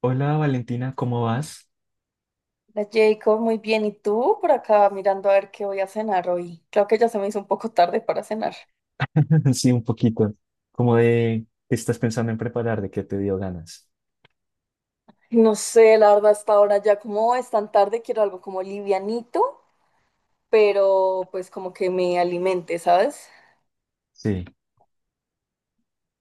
Hola Valentina, ¿cómo vas? Hola Jacob, muy bien. ¿Y tú por acá mirando a ver qué voy a cenar hoy? Creo que ya se me hizo un poco tarde para cenar. Sí, un poquito. Como de qué estás pensando en preparar, de qué te dio ganas. No sé, la verdad, hasta ahora ya como es tan tarde, quiero algo como livianito, pero pues como que me alimente, ¿sabes? Sí.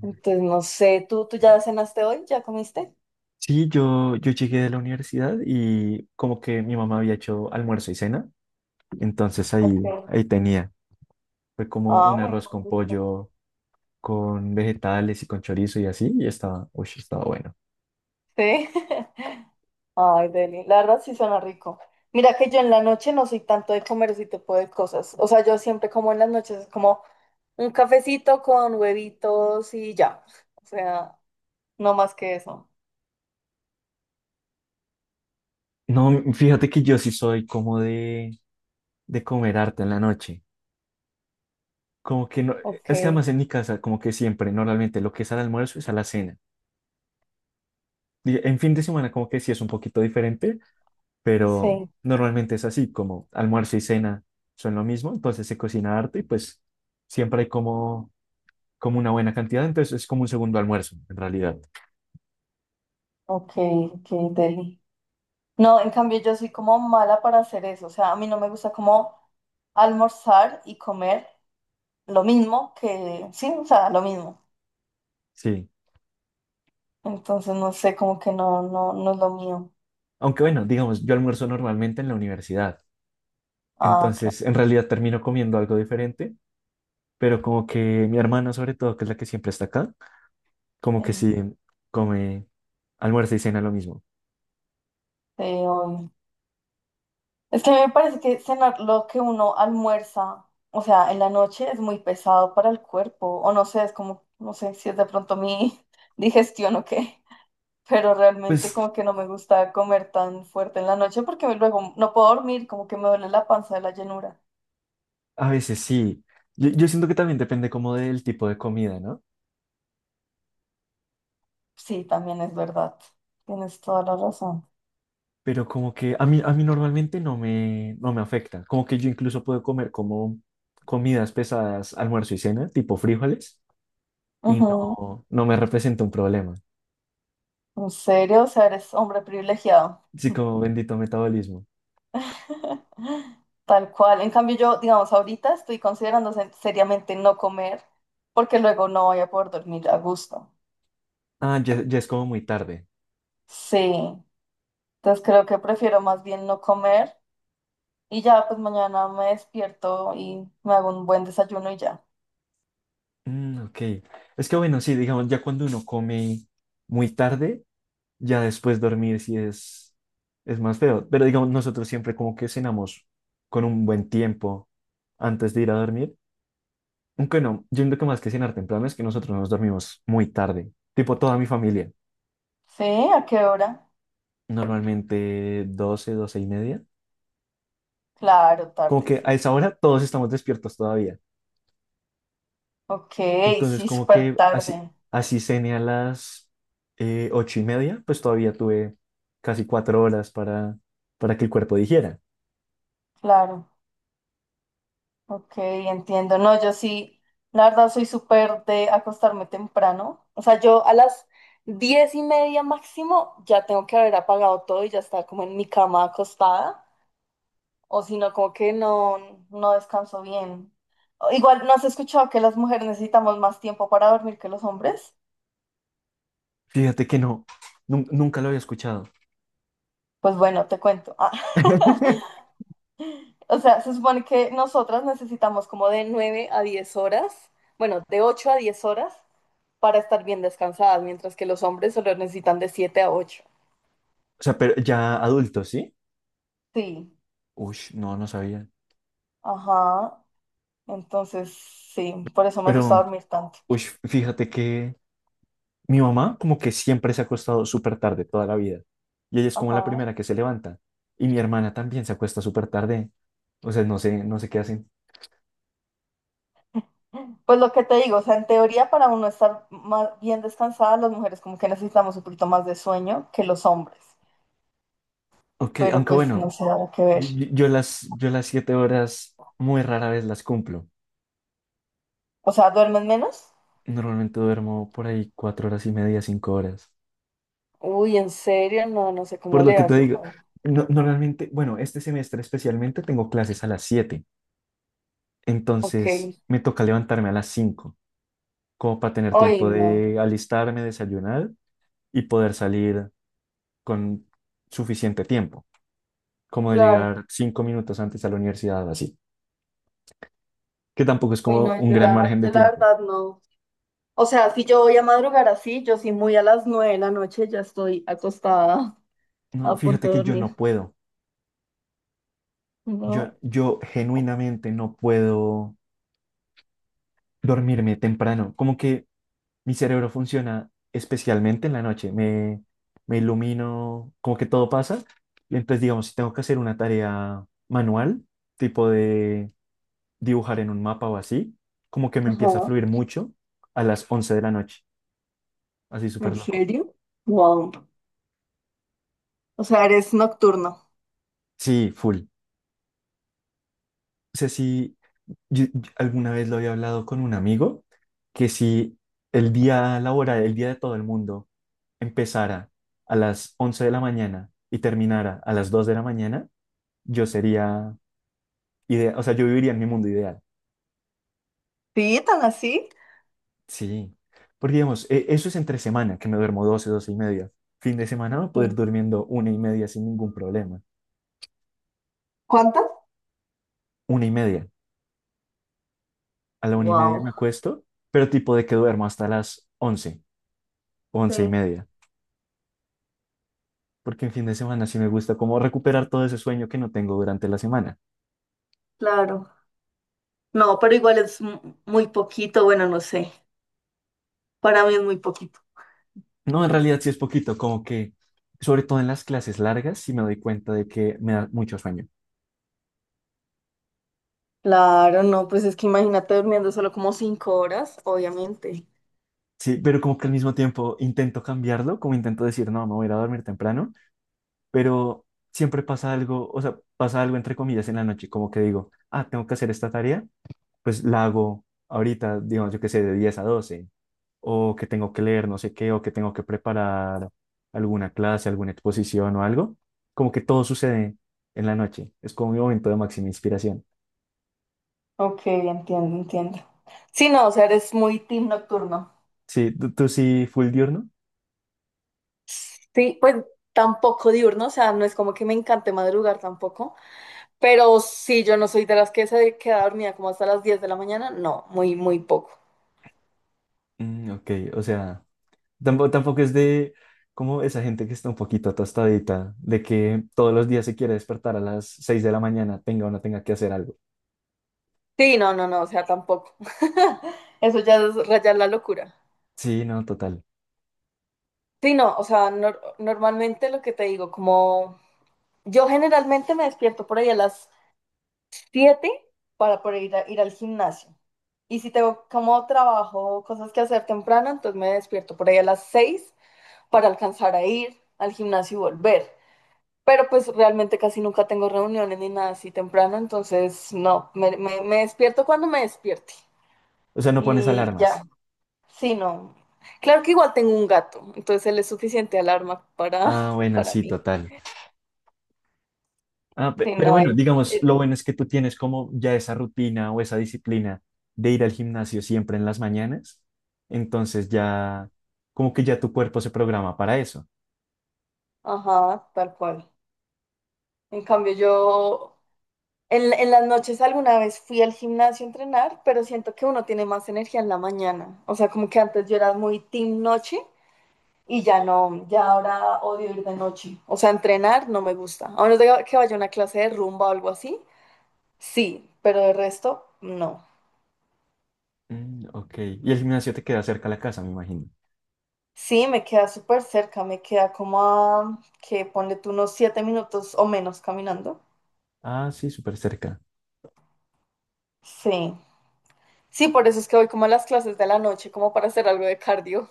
Entonces, no sé, ¿tú ya cenaste hoy? ¿Ya comiste? Sí, yo llegué de la universidad y como que mi mamá había hecho almuerzo y cena, entonces ahí, Sí. ahí tenía. Fue como Ah, un muy arroz con rico. pollo, con vegetales y con chorizo y así, y estaba, uy, estaba bueno. Sí. Ay, Deli, la verdad sí suena rico. Mira que yo en la noche no soy tanto de comer ese tipo de cosas. O sea, yo siempre como en las noches, es como... Un cafecito con huevitos y ya. O sea, no más que eso. No, fíjate que yo sí soy como de comer harto en la noche. Como que no, Ok, es que además en mi casa, como que siempre, normalmente lo que es al almuerzo es a la cena. En fin de semana como que sí es un poquito diferente, pero sí, normalmente es así, como almuerzo y cena son lo mismo, entonces se cocina harto y pues siempre hay como, como una buena cantidad, entonces es como un segundo almuerzo en realidad. ok, ok, deli. No, en cambio yo soy como mala para hacer eso, o sea, a mí no me gusta como almorzar y comer lo mismo que, sí, o sea, lo mismo. Sí, Entonces, no sé, como que no, no, no es lo mío. aunque bueno, digamos, yo almuerzo normalmente en la universidad, Ah, claro, entonces en realidad termino comiendo algo diferente, pero como que mi hermana sobre todo, que es la que siempre está acá, como que sí, sí come almuerzo y cena lo mismo. sí, obvio. Es que a mí me parece que cenar lo que uno almuerza, o sea, en la noche es muy pesado para el cuerpo, o no sé, es como, no sé si es de pronto mi digestión o qué, pero realmente Pues como que no me gusta comer tan fuerte en la noche porque luego no puedo dormir, como que me duele la panza de la llenura. a veces sí. Yo siento que también depende como del tipo de comida, ¿no? Sí, también es verdad, tienes toda la razón. Pero como que a mí normalmente no me afecta. Como que yo incluso puedo comer como comidas pesadas, almuerzo y cena, tipo frijoles, y Ujú. no, no me representa un problema. ¿En serio? O sea, eres hombre privilegiado. Sí, como bendito metabolismo. Tal cual. En cambio, yo, digamos, ahorita estoy considerando seriamente no comer porque luego no voy a poder dormir a gusto. Ah, ya, ya es como muy tarde. Sí. Entonces creo que prefiero más bien no comer y ya, pues mañana me despierto y me hago un buen desayuno y ya. Mm, ok. Es que bueno, sí, digamos, ya cuando uno come muy tarde, ya después dormir sí es más feo. Pero digamos, nosotros siempre como que cenamos con un buen tiempo antes de ir a dormir. Aunque no, yo creo que más que cenar temprano es que nosotros nos dormimos muy tarde. Tipo toda mi familia. Sí, ¿a qué hora? Normalmente 12 12 y media. Claro, Como tarde, que a sí. esa hora todos estamos despiertos todavía. Ok, Entonces sí, como súper que así, tarde. así cené a las 8 y media, pues todavía tuve casi cuatro horas para que el cuerpo dijera. Claro. Ok, entiendo. No, yo sí, la verdad soy súper de acostarme temprano. O sea, yo a las 10:30 máximo ya tengo que haber apagado todo y ya está como en mi cama acostada. O si no, como que no, no descanso bien. O igual, ¿no has escuchado que las mujeres necesitamos más tiempo para dormir que los hombres? Fíjate que no, nunca lo había escuchado. Pues bueno, te cuento. Ah. O sea, se supone que nosotras necesitamos como de 9 a 10 horas, bueno, de 8 a 10 horas para estar bien descansadas, mientras que los hombres solo necesitan de 7 a 8. O sea, pero ya adultos, ¿sí? Sí, Uy, no, no sabía. ajá. Entonces, sí, por eso me gusta Pero, dormir tanto. uy, fíjate que mi mamá como que siempre se ha acostado súper tarde toda la vida. Y ella es como la Ajá. primera que se levanta. Y mi hermana también se acuesta súper tarde. O sea, no sé, no sé qué hacen. Pues lo que te digo, o sea, en teoría para uno estar más bien descansada, las mujeres como que necesitamos un poquito más de sueño que los hombres, Ok, pero aunque pues no bueno, sé, habrá que ver. Yo las siete horas muy rara vez las cumplo. O sea, ¿duermen menos? Normalmente duermo por ahí cuatro horas y media, cinco horas. Uy, ¿en serio? No, no sé cómo Por lo le que te haces, digo, a ver. Normalmente, bueno, este semestre especialmente tengo clases a las siete. Entonces Ok. me toca levantarme a las 5, como para tener Hoy tiempo no, de alistarme, desayunar y poder salir con suficiente tiempo, como de claro. llegar 5 minutos antes a la universidad, así, que tampoco es Hoy como no, un yo gran la, margen de yo la tiempo. verdad no. O sea, si yo voy a madrugar así, yo sí muy a las 9 de la noche ya estoy acostada No, a punto fíjate de que yo dormir. no puedo, yo, No. yo genuinamente no puedo dormirme temprano, como que mi cerebro funciona especialmente en la noche. Me ilumino, como que todo pasa. Y entonces, digamos, si tengo que hacer una tarea manual, tipo de dibujar en un mapa o así, como que me empieza a Ajá. fluir mucho a las 11 de la noche. Así súper ¿En loco. serio? Wow. O sea, eres nocturno. Sí, full. O sea, sí, yo alguna vez lo había hablado con un amigo, que si el día laboral, el día de todo el mundo, empezara a las 11 de la mañana y terminara a las 2 de la mañana, yo sería o sea, yo viviría en mi mundo ideal. ¿Sí? ¿Tan así? Sí. Porque, digamos, eso es entre semana, que me duermo 12, 12 y media. Fin de semana voy a Sí. poder durmiendo una y media sin ningún problema. ¿Cuántas? Una y media. A la una y media me Wow. acuesto, pero tipo de que duermo hasta las 11, Sí, once y media. Porque en fin de semana sí me gusta como recuperar todo ese sueño que no tengo durante la semana. claro. No, pero igual es muy poquito. Bueno, no sé. Para mí es muy poquito. No, en realidad sí es poquito, como que, sobre todo en las clases largas, sí me doy cuenta de que me da mucho sueño. Claro, no, pues es que imagínate durmiendo solo como 5 horas, obviamente. Sí, pero como que al mismo tiempo intento cambiarlo, como intento decir, no, me voy a ir a dormir temprano, pero siempre pasa algo, o sea, pasa algo entre comillas en la noche, como que digo, ah, tengo que hacer esta tarea, pues la hago ahorita, digamos, yo qué sé, de 10 a 12, o que tengo que leer no sé qué, o que tengo que preparar alguna clase, alguna exposición o algo, como que todo sucede en la noche, es como mi momento de máxima inspiración. Ok, entiendo, entiendo. Sí, no, o sea, eres muy team nocturno. Sí, tú sí, full diurno. Sí, pues tampoco diurno, o sea, no es como que me encante madrugar tampoco, pero sí, yo no soy de las que se queda dormida como hasta las 10 de la mañana, no, muy, muy poco. Mm, ok, o sea, tampoco es de como esa gente que está un poquito tostadita, de que todos los días se quiere despertar a las 6 de la mañana, tenga o no tenga que hacer algo. Sí, no, no, no, o sea, tampoco. Eso ya es rayar la locura. Sí, no, total. Sí, no, o sea, normalmente lo que te digo, como yo generalmente me despierto por ahí a las siete para poder ir, ir al gimnasio. Y si tengo como trabajo, cosas que hacer temprano, entonces me despierto por ahí a las 6 para alcanzar a ir al gimnasio y volver. Pero pues realmente casi nunca tengo reuniones ni nada así temprano, entonces no, me despierto cuando me despierte. O sea, no pones Y ya, alarmas. sí, no. Claro que igual tengo un gato, entonces él es suficiente alarma para, Ah, bueno, para sí, mí. total. Ah, Sí, pero no, bueno, digamos, lo él- bueno es que tú tienes como ya esa rutina o esa disciplina de ir al gimnasio siempre en las mañanas. Entonces ya, como que ya tu cuerpo se programa para eso. ajá, tal cual. En cambio yo, en las noches alguna vez fui al gimnasio a entrenar, pero siento que uno tiene más energía en la mañana. O sea, como que antes yo era muy team noche y ya no, ya ahora odio ir de noche. O sea, entrenar no me gusta. A menos de que vaya a una clase de rumba o algo así, sí, pero de resto, no. Mm, ok. Y el gimnasio te queda cerca a la casa, me imagino. Sí, me queda súper cerca, me queda como a, que ponle tú unos 7 minutos o menos caminando. Ah, sí, súper cerca. Sí. Sí, por eso es que voy como a las clases de la noche, como para hacer algo de cardio,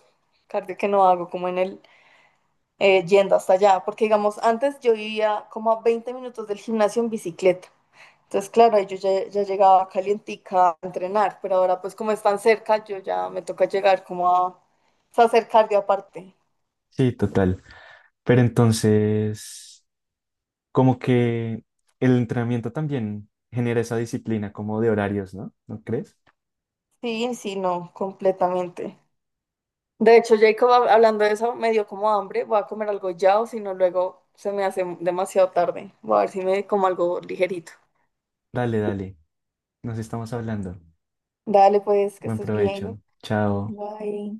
cardio que no hago como en el, yendo hasta allá, porque digamos, antes yo vivía como a 20 minutos del gimnasio en bicicleta. Entonces, claro, ahí yo ya, ya llegaba calientica a entrenar, pero ahora pues como es tan cerca, yo ya me toca llegar como a, o sea, hacer cardio aparte. Sí, total. Pero entonces, como que el entrenamiento también genera esa disciplina como de horarios, ¿no? ¿No crees? Sí, sí, no, completamente. De hecho, Jacob, hablando de eso, me dio como hambre, voy a comer algo ya o si no, luego se me hace demasiado tarde. Voy a ver si me como algo ligerito. Dale, dale. Nos estamos hablando. Dale, pues, que Buen estés provecho. bien. Chao. Bye.